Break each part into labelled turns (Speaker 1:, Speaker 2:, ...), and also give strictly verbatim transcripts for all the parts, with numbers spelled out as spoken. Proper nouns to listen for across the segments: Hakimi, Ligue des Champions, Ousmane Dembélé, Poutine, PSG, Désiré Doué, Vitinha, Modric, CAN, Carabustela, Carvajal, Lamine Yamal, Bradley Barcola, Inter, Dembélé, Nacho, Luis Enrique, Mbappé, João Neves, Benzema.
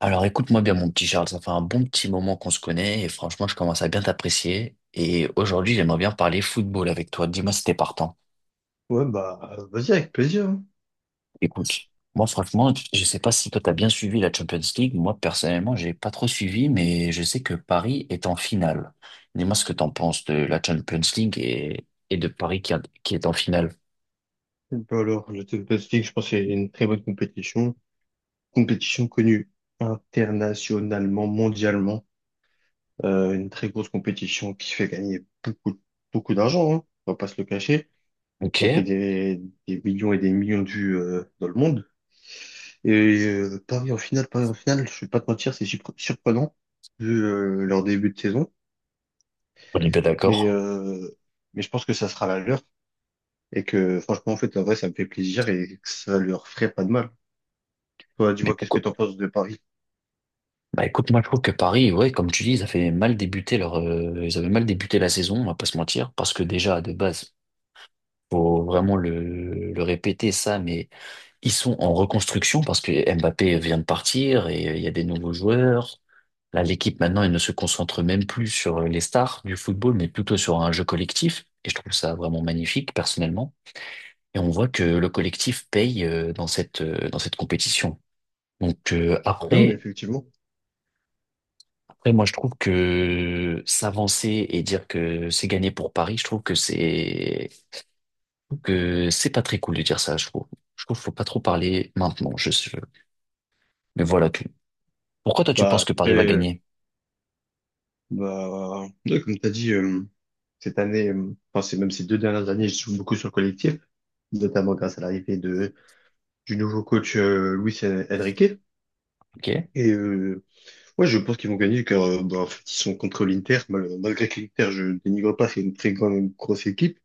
Speaker 1: Alors écoute-moi bien mon petit Charles, ça fait un bon petit moment qu'on se connaît et franchement je commence à bien t'apprécier et aujourd'hui j'aimerais bien parler football avec toi, dis-moi si t'es partant.
Speaker 2: Ouais, bah, vas-y, avec plaisir, hein.
Speaker 1: Écoute, moi franchement je sais pas si toi t'as bien suivi la Champions League, moi personnellement j'ai pas trop suivi mais je sais que Paris est en finale. Dis-moi ce que t'en penses de la Champions League et, et de Paris qui, a- qui est en finale.
Speaker 2: bah alors, je te je te dis que je pense que c'est une très bonne compétition. Compétition connue internationalement, mondialement. Euh, une très grosse compétition qui fait gagner beaucoup, beaucoup d'argent, hein. On va pas se le cacher.
Speaker 1: Ok,
Speaker 2: Ça fait des, des millions et des millions de vues, euh, dans le monde. Et euh, Paris en finale, Paris en finale, je vais pas te mentir, c'est surpre- surprenant vu euh, leur début de saison.
Speaker 1: on est bien
Speaker 2: Mais,
Speaker 1: d'accord.
Speaker 2: euh, mais je pense que ça sera la leur et que franchement, en fait, en vrai, ça me fait plaisir et que ça leur ferait pas de mal. Toi,
Speaker 1: Mais
Speaker 2: dis-moi, qu'est-ce que
Speaker 1: pourquoi,
Speaker 2: t'en penses de Paris?
Speaker 1: bah écoute, moi je trouve que Paris, ouais, comme tu dis, ils avaient mal débuté leur, euh, ils avaient mal débuté la saison, on va pas se mentir, parce que déjà de base, faut vraiment le, le répéter ça, mais ils sont en reconstruction parce que Mbappé vient de partir et euh, il y a des nouveaux joueurs. Là, l'équipe maintenant, elle ne se concentre même plus sur euh, les stars du football, mais plutôt sur un jeu collectif. Et je trouve ça vraiment magnifique, personnellement. Et on voit que le collectif paye euh, dans cette, euh, dans cette compétition. Donc euh,
Speaker 2: Non, mais
Speaker 1: après.
Speaker 2: effectivement.
Speaker 1: Après, moi, je trouve que s'avancer et dire que c'est gagné pour Paris, je trouve que c'est que c'est pas très cool de dire ça. Je trouve, je trouve qu'il faut pas trop parler maintenant. Je, je- mais voilà tout. Pourquoi toi tu
Speaker 2: Bah,
Speaker 1: penses que Paris va
Speaker 2: après,
Speaker 1: gagner?
Speaker 2: bah, ouais, comme t'as dit, euh, cette année, euh, enfin, c'est même ces deux dernières années, je joue beaucoup sur le collectif, notamment grâce à l'arrivée de, du nouveau coach, euh, Luis Enrique.
Speaker 1: Ok.
Speaker 2: Et, euh, ouais, je pense qu'ils vont gagner car, euh, bah, en fait, ils sont contre l'Inter. Mal- Malgré que l'Inter, je dénigre pas, c'est une très grande, grosse équipe.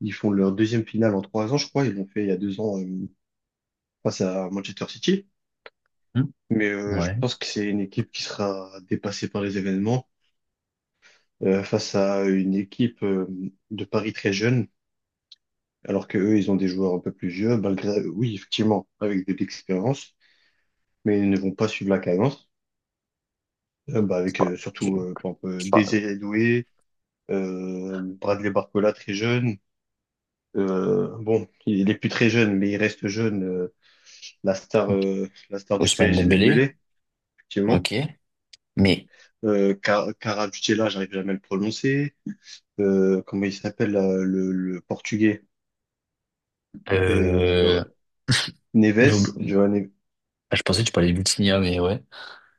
Speaker 2: Ils font leur deuxième finale en trois ans, je crois. Ils l'ont fait il y a deux ans, euh, face à Manchester City.
Speaker 1: Hmm.
Speaker 2: Mais, euh, je
Speaker 1: Ouais.
Speaker 2: pense que c'est une équipe qui sera dépassée par les événements euh, face à une équipe euh, de Paris très jeune, alors que eux, ils ont des joueurs un peu plus vieux, malgré, euh, oui, effectivement, avec de l'expérience, mais ils ne vont pas suivre la cadence. Euh, bah,
Speaker 1: Je sais
Speaker 2: avec
Speaker 1: pas.
Speaker 2: euh,
Speaker 1: Je,
Speaker 2: surtout euh, par exemple,
Speaker 1: je
Speaker 2: euh,
Speaker 1: sais pas.
Speaker 2: Désiré Doué, euh, Bradley Barcola très jeune. Euh, bon, il est plus très jeune, mais il reste jeune. euh, la star, euh, la star du
Speaker 1: Ousmane
Speaker 2: P S G
Speaker 1: Dembélé.
Speaker 2: Dembélé, effectivement.
Speaker 1: Ok. Mais
Speaker 2: Euh, Car- Carabustela, j'arrive jamais à le prononcer. Euh, comment il s'appelle là, le, le portugais? Euh,
Speaker 1: euh, j'ai
Speaker 2: Neves,
Speaker 1: oublié,
Speaker 2: João.
Speaker 1: ah, je pensais que tu parlais de Vitinha, mais ouais.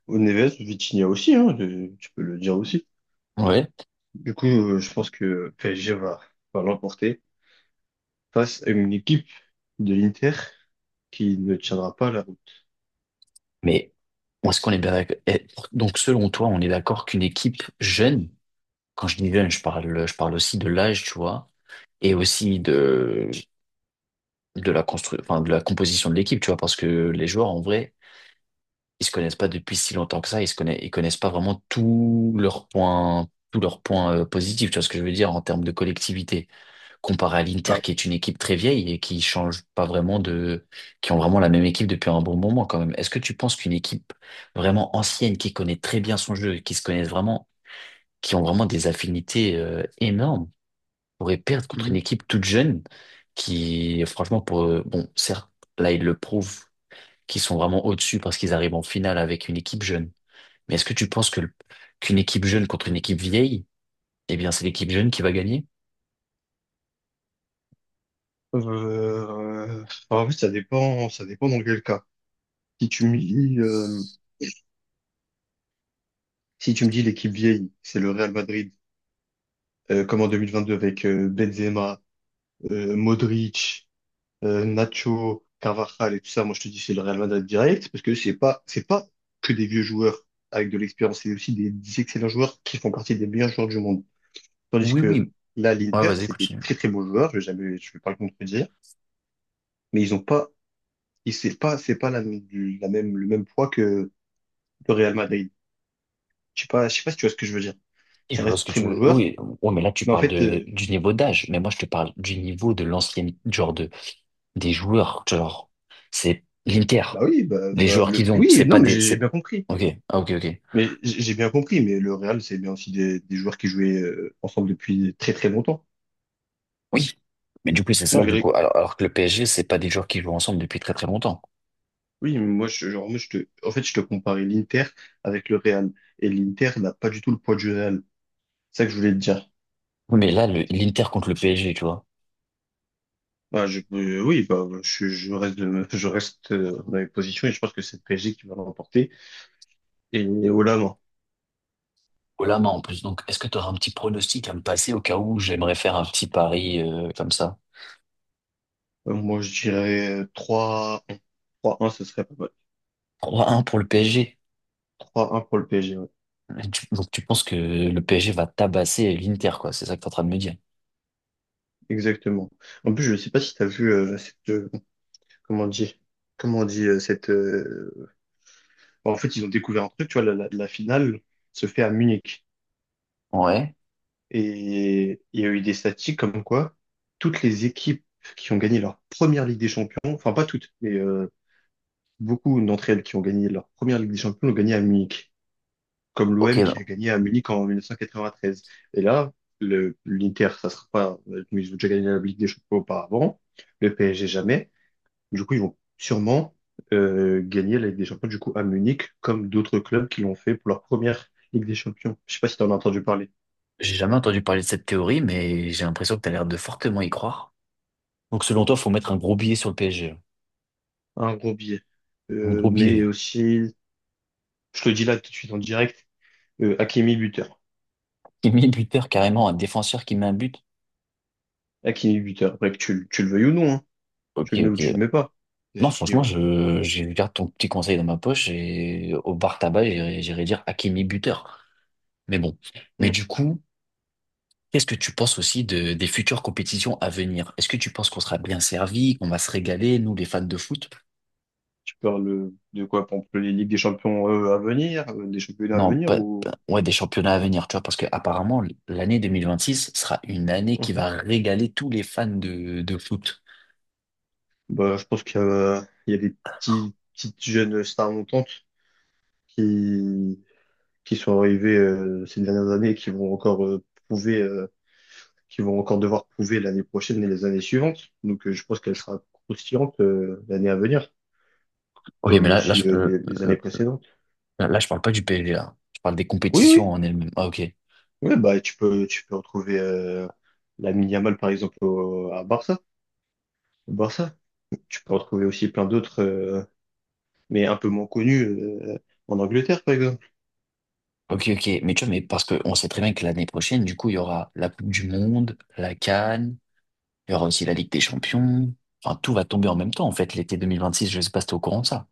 Speaker 2: Au Neves, Vitinha aussi, hein, de- tu peux le dire aussi.
Speaker 1: Ouais.
Speaker 2: Du coup, euh, je pense que P S G va, va l'emporter face à une équipe de l'Inter qui ne tiendra pas la route.
Speaker 1: Mais est-ce qu'on est bien d'accord? Eh, donc selon toi, on est d'accord qu'une équipe jeune, quand je dis jeune, je parle, je parle aussi de l'âge, tu vois, et aussi de, de la constru, enfin, de la composition de l'équipe, tu vois, parce que les joueurs, en vrai, ils se connaissent pas depuis si longtemps que ça, ils se connaissent, ils connaissent pas vraiment tous leurs points, tous leurs points euh, positifs, tu vois ce que je veux dire, en termes de collectivité, comparé à l'Inter,
Speaker 2: Ah.
Speaker 1: qui est une équipe très vieille et qui change pas vraiment de, qui ont vraiment la même équipe depuis un bon moment, quand même. Est-ce que tu penses qu'une équipe vraiment ancienne, qui connaît très bien son jeu, qui se connaissent vraiment, qui ont vraiment des affinités, euh, énormes, pourrait perdre contre une
Speaker 2: Mhm.
Speaker 1: équipe toute jeune qui, franchement, pour, euh, bon, certes, là, ils le prouvent qu'ils sont vraiment au-dessus parce qu'ils arrivent en finale avec une équipe jeune. Mais est-ce que tu penses que le- qu'une équipe jeune contre une équipe vieille, eh bien, c'est l'équipe jeune qui va gagner?
Speaker 2: euh, En fait, ça dépend, ça dépend dans quel cas. Si tu me dis, euh, si tu me dis l'équipe vieille, c'est le Real Madrid, euh, comme en deux mille vingt-deux avec euh, Benzema, euh, Modric, euh, Nacho, Carvajal et tout ça, moi je te dis c'est le Real Madrid direct, parce que c'est pas, c'est pas que des vieux joueurs avec de l'expérience, c'est aussi des, des excellents joueurs qui font partie des meilleurs joueurs du monde. Tandis
Speaker 1: Oui,
Speaker 2: que
Speaker 1: oui.
Speaker 2: là,
Speaker 1: Ouais,
Speaker 2: l'Inter,
Speaker 1: vas-y,
Speaker 2: c'est des
Speaker 1: continue.
Speaker 2: très très bons joueurs, je vais jamais, je vais pas le contredire, mais ils ont pas, ils- c'est pas, c'est pas la, même- du- la même, le même poids que le Real Madrid. Je sais pas, je sais pas si tu vois ce que je veux dire.
Speaker 1: Et
Speaker 2: Ça
Speaker 1: je vois ce
Speaker 2: reste
Speaker 1: que
Speaker 2: très
Speaker 1: tu
Speaker 2: bons
Speaker 1: veux.
Speaker 2: joueurs,
Speaker 1: Oui, ouais, mais là, tu
Speaker 2: mais en
Speaker 1: parles
Speaker 2: fait,
Speaker 1: de,
Speaker 2: euh,
Speaker 1: du niveau d'âge. Mais moi, je te parle du niveau de l'ancienne, genre de, des joueurs, genre, c'est l'Inter.
Speaker 2: bah oui, bah,
Speaker 1: Les
Speaker 2: bah,
Speaker 1: joueurs
Speaker 2: le,
Speaker 1: qu'ils ont, c'est
Speaker 2: oui, non,
Speaker 1: pas
Speaker 2: mais
Speaker 1: des,
Speaker 2: j'ai j'ai
Speaker 1: c'est,
Speaker 2: bien compris.
Speaker 1: ok, ah, ok, ok.
Speaker 2: Mais j- j'ai bien compris, mais le Real, c'est bien aussi des, des joueurs qui jouaient euh, ensemble depuis très très longtemps.
Speaker 1: Oui, mais du coup, c'est ça, du
Speaker 2: Malgré,
Speaker 1: coup. Alors, alors que le P S G, c'est pas des joueurs qui jouent ensemble depuis très très longtemps.
Speaker 2: oui, mais moi, je, genre, moi, je te, en fait, je te comparais l'Inter avec le Real. Et l'Inter n'a pas du tout le poids du Real. C'est ça que je voulais te dire.
Speaker 1: Oui, mais là, le- l'Inter contre le P S G, tu vois.
Speaker 2: Bah, je, euh, oui, bah, je, je reste, de- je reste euh, dans mes positions et je pense que c'est le P S G qui va l'emporter. Et au Lama,
Speaker 1: Au la main en plus. Donc, est-ce que tu auras un petit pronostic à me passer au cas où j'aimerais faire un petit pari euh, comme ça?
Speaker 2: euh, moi, je dirais euh, trois, un, trois à un, ce serait pas mal.
Speaker 1: trois un pour le P S G.
Speaker 2: trois un pour le P S G, ouais.
Speaker 1: Et tu- Donc, tu penses que le P S G va tabasser l'Inter, quoi. C'est ça que tu es en train de me dire.
Speaker 2: Exactement. En plus, je ne sais pas si tu as vu euh, cette, euh, comment on dit, comment on dit euh, cette. euh, En fait, ils ont découvert un truc, tu vois, la, la, la finale se fait à Munich.
Speaker 1: Ouais.
Speaker 2: Et il y a eu des statistiques comme quoi toutes les équipes qui ont gagné leur première Ligue des Champions, enfin pas toutes, mais euh, beaucoup d'entre elles qui ont gagné leur première Ligue des Champions l'ont gagné à Munich, comme
Speaker 1: Ok,
Speaker 2: l'O M qui a
Speaker 1: non.
Speaker 2: gagné à Munich en mille neuf cent quatre-vingt-treize. Et là, le, l'Inter, ça sera pas, mais ils ont déjà gagné la Ligue des Champions auparavant, le P S G jamais. Du coup, ils vont sûrement euh, gagner la Ligue des Champions du coup à Munich, comme d'autres clubs qui l'ont fait pour leur première Ligue des Champions. Je sais pas si tu en as entendu parler.
Speaker 1: J'ai jamais entendu parler de cette théorie, mais j'ai l'impression que tu as l'air de fortement y croire. Donc, selon toi, faut mettre un gros billet sur le P S G.
Speaker 2: Un gros billet.
Speaker 1: Un
Speaker 2: Euh,
Speaker 1: gros billet.
Speaker 2: mais aussi, je te le dis là tout de suite en direct, euh, Hakimi buteur.
Speaker 1: Qui met buteur carrément, un défenseur qui met un but.
Speaker 2: Hakimi buteur. Après que tu, le- tu le veuilles ou non, hein.
Speaker 1: Ok,
Speaker 2: Tu le mets ou
Speaker 1: ok.
Speaker 2: tu le mets pas. Et
Speaker 1: Non,
Speaker 2: c'est tout qui
Speaker 1: franchement,
Speaker 2: vaut.
Speaker 1: je, je garde ton petit conseil dans ma poche et au bar tabac, j'irai j'irai dire Hakimi buteur. Mais bon. Mais
Speaker 2: Mm.
Speaker 1: du coup, qu'est-ce que tu penses aussi de, des futures compétitions à venir? Est-ce que tu penses qu'on sera bien servi, qu'on va se régaler, nous, les fans de foot?
Speaker 2: Tu parles euh, de quoi, pour exemple, les Ligues des Champions euh, à venir, euh, des championnats à
Speaker 1: Non,
Speaker 2: venir
Speaker 1: pas,
Speaker 2: ou…
Speaker 1: pas- ouais, des championnats à venir, tu vois, parce que apparemment, l'année vingt vingt-six sera une année qui
Speaker 2: Mhm.
Speaker 1: va régaler tous les fans de, de foot.
Speaker 2: Bah, je pense qu'il y a, il y a des petits, petites jeunes stars montantes qui, qui sont arrivés euh, ces dernières années et qui vont encore euh, prouver, euh, qui vont encore devoir prouver l'année prochaine et les années suivantes. Donc, euh, je pense qu'elle sera croustillante euh, l'année à venir,
Speaker 1: Ok, mais
Speaker 2: comme
Speaker 1: là, là, je,
Speaker 2: aussi euh,
Speaker 1: euh,
Speaker 2: les, les
Speaker 1: euh,
Speaker 2: années précédentes.
Speaker 1: là, je parle pas du P S G, là. Je parle des
Speaker 2: Oui,
Speaker 1: compétitions
Speaker 2: oui,
Speaker 1: en elles-mêmes. Ah, ok.
Speaker 2: oui, bah tu peux, tu peux retrouver euh, Lamine Yamal par exemple au- à Barça, au Barça. Tu peux retrouver aussi plein d'autres, euh, mais un peu moins connus euh, en Angleterre par exemple.
Speaker 1: Ok, ok, mais tu vois, mais parce qu'on sait très bien que l'année prochaine, du coup, il y aura la Coupe du Monde, la C A N, il y aura aussi la Ligue des Champions. Enfin, tout va tomber en même temps, en fait, l'été deux mille vingt-six, je sais pas si t'es au courant de ça.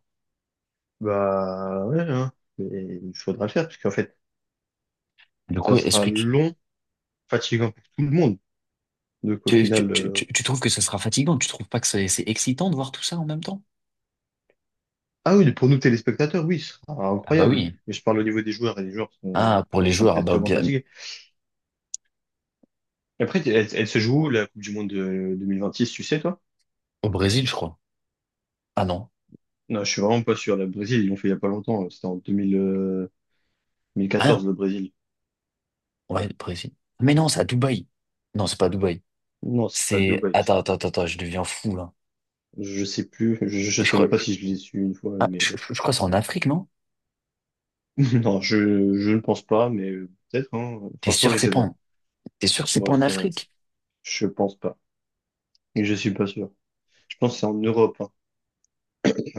Speaker 2: Bah ouais, hein. Mais il faudra le faire parce qu'en fait,
Speaker 1: Du coup,
Speaker 2: ça
Speaker 1: est-ce
Speaker 2: sera
Speaker 1: que tu,
Speaker 2: long, fatigant pour tout le monde. Donc au
Speaker 1: tu, tu,
Speaker 2: final,
Speaker 1: tu, tu-
Speaker 2: euh,
Speaker 1: tu trouves que ce sera fatigant? Tu trouves pas que c'est c'est excitant de voir tout ça en même temps?
Speaker 2: ah oui, pour nous téléspectateurs, oui, ce sera
Speaker 1: Ah bah
Speaker 2: incroyable.
Speaker 1: oui.
Speaker 2: Mais je parle au niveau des joueurs et les joueurs
Speaker 1: Ah,
Speaker 2: sont,
Speaker 1: pour les
Speaker 2: seront
Speaker 1: joueurs, ah
Speaker 2: peut-être
Speaker 1: bah
Speaker 2: sûrement
Speaker 1: bien,
Speaker 2: fatigués. Et après, elle, elle se joue où, la Coupe du Monde de deux mille vingt-six, tu sais, toi?
Speaker 1: au Brésil, je crois. Ah non,
Speaker 2: Non, je suis vraiment pas sûr. Le Brésil, ils l'ont fait il y a pas longtemps. euh, C'était en deux mille, euh,
Speaker 1: rien.
Speaker 2: deux mille quatorze, le Brésil.
Speaker 1: Ouais, au Brésil. Mais non, c'est à Dubaï. Non, c'est pas à Dubaï.
Speaker 2: Non, c'est pas
Speaker 1: C'est...
Speaker 2: Dubaï.
Speaker 1: Attends, attends, attends, attends, je deviens fou, là.
Speaker 2: Je sais plus. Je, je
Speaker 1: Je
Speaker 2: sais
Speaker 1: crois,
Speaker 2: même pas
Speaker 1: je,
Speaker 2: si je l'ai su une fois,
Speaker 1: ah,
Speaker 2: mais
Speaker 1: je, je- je crois que c'est en Afrique, non?
Speaker 2: non, je, je ne pense pas, mais euh, peut-être, hein.
Speaker 1: T'es
Speaker 2: Franchement,
Speaker 1: sûr
Speaker 2: je
Speaker 1: que c'est
Speaker 2: sais
Speaker 1: pas
Speaker 2: pas.
Speaker 1: en... T'es sûr que c'est pas
Speaker 2: Moi,
Speaker 1: en
Speaker 2: ça,
Speaker 1: Afrique?
Speaker 2: je pense pas. Je suis pas sûr. Je pense que c'est en Europe, hein.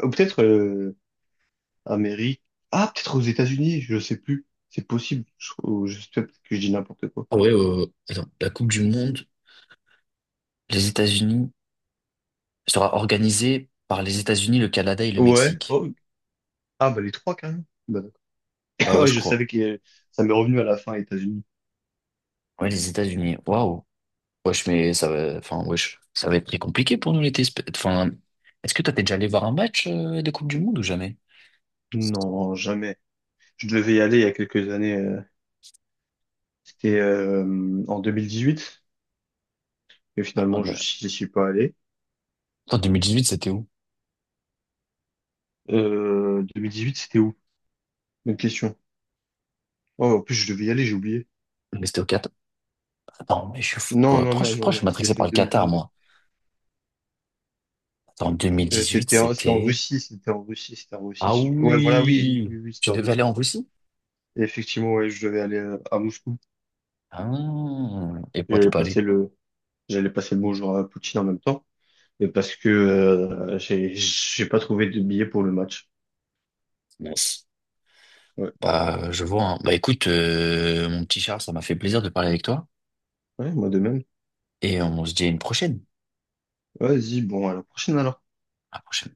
Speaker 2: Ou peut-être, euh, Amérique. Ah, peut-être aux États-Unis, je sais plus. C'est possible. Je, ou je sais pas, peut-être que je dis n'importe quoi.
Speaker 1: Ah ouais, euh, attends, la Coupe du Monde, les États-Unis, sera organisée par les États-Unis, le Canada et le
Speaker 2: Ouais.
Speaker 1: Mexique.
Speaker 2: Oh. Ah, bah les trois carrément. Bah,
Speaker 1: Bah
Speaker 2: d'accord.
Speaker 1: ouais,
Speaker 2: Ouais,
Speaker 1: je
Speaker 2: je
Speaker 1: crois.
Speaker 2: savais que euh, ça m'est revenu à la fin, États-Unis.
Speaker 1: Ouais, les États-Unis. Waouh. Wesh, mais ça va, enfin, wesh, ça va être très compliqué pour nous l'été. Esp- Enfin, est-ce que toi, t'es déjà allé voir un match euh, de Coupe du Monde ou jamais?
Speaker 2: Non, jamais. Je devais y aller il y a quelques années. euh, C'était euh, en huit. Et finalement, je
Speaker 1: Attendez.
Speaker 2: n'y suis pas allé.
Speaker 1: Attends, deux mille dix-huit, c'était où?
Speaker 2: Euh, huit c'était où? Bonne question. Oh, en plus, je devais y aller, j'ai oublié.
Speaker 1: Mais c'était au Qatar. Attends, mais je suis fou,
Speaker 2: Non,
Speaker 1: quoi.
Speaker 2: non,
Speaker 1: Pourquoi je,
Speaker 2: non, non,
Speaker 1: pourquoi je suis
Speaker 2: non, c'est
Speaker 1: matrixé
Speaker 2: c'est
Speaker 1: par
Speaker 2: le
Speaker 1: le Qatar,
Speaker 2: deux mille vingt-deux.
Speaker 1: moi? Attends,
Speaker 2: Euh,
Speaker 1: deux mille dix-huit,
Speaker 2: c'était en, c'était en
Speaker 1: c'était...
Speaker 2: Russie, c'était en Russie, c'était en
Speaker 1: Ah
Speaker 2: Russie. Ouais, voilà, oui,
Speaker 1: oui!
Speaker 2: oui, oui, c'était
Speaker 1: Tu
Speaker 2: en
Speaker 1: devais aller
Speaker 2: Russie.
Speaker 1: en Russie?
Speaker 2: Et effectivement, ouais, je devais aller euh, à Moscou.
Speaker 1: Ah. Et pourquoi t'es
Speaker 2: J'allais
Speaker 1: pas allé?
Speaker 2: passer le, j'allais passer le bonjour à Poutine en même temps. Et parce que euh, j'ai, j'ai pas trouvé de billet pour le match.
Speaker 1: Mince.
Speaker 2: Ouais,
Speaker 1: Bah, je vois, hein. Bah, écoute, euh, mon petit Charles, ça m'a fait plaisir de parler avec toi.
Speaker 2: ouais, moi de même.
Speaker 1: Et on se dit à une prochaine.
Speaker 2: Vas-y, bon, à la prochaine alors.
Speaker 1: À la prochaine.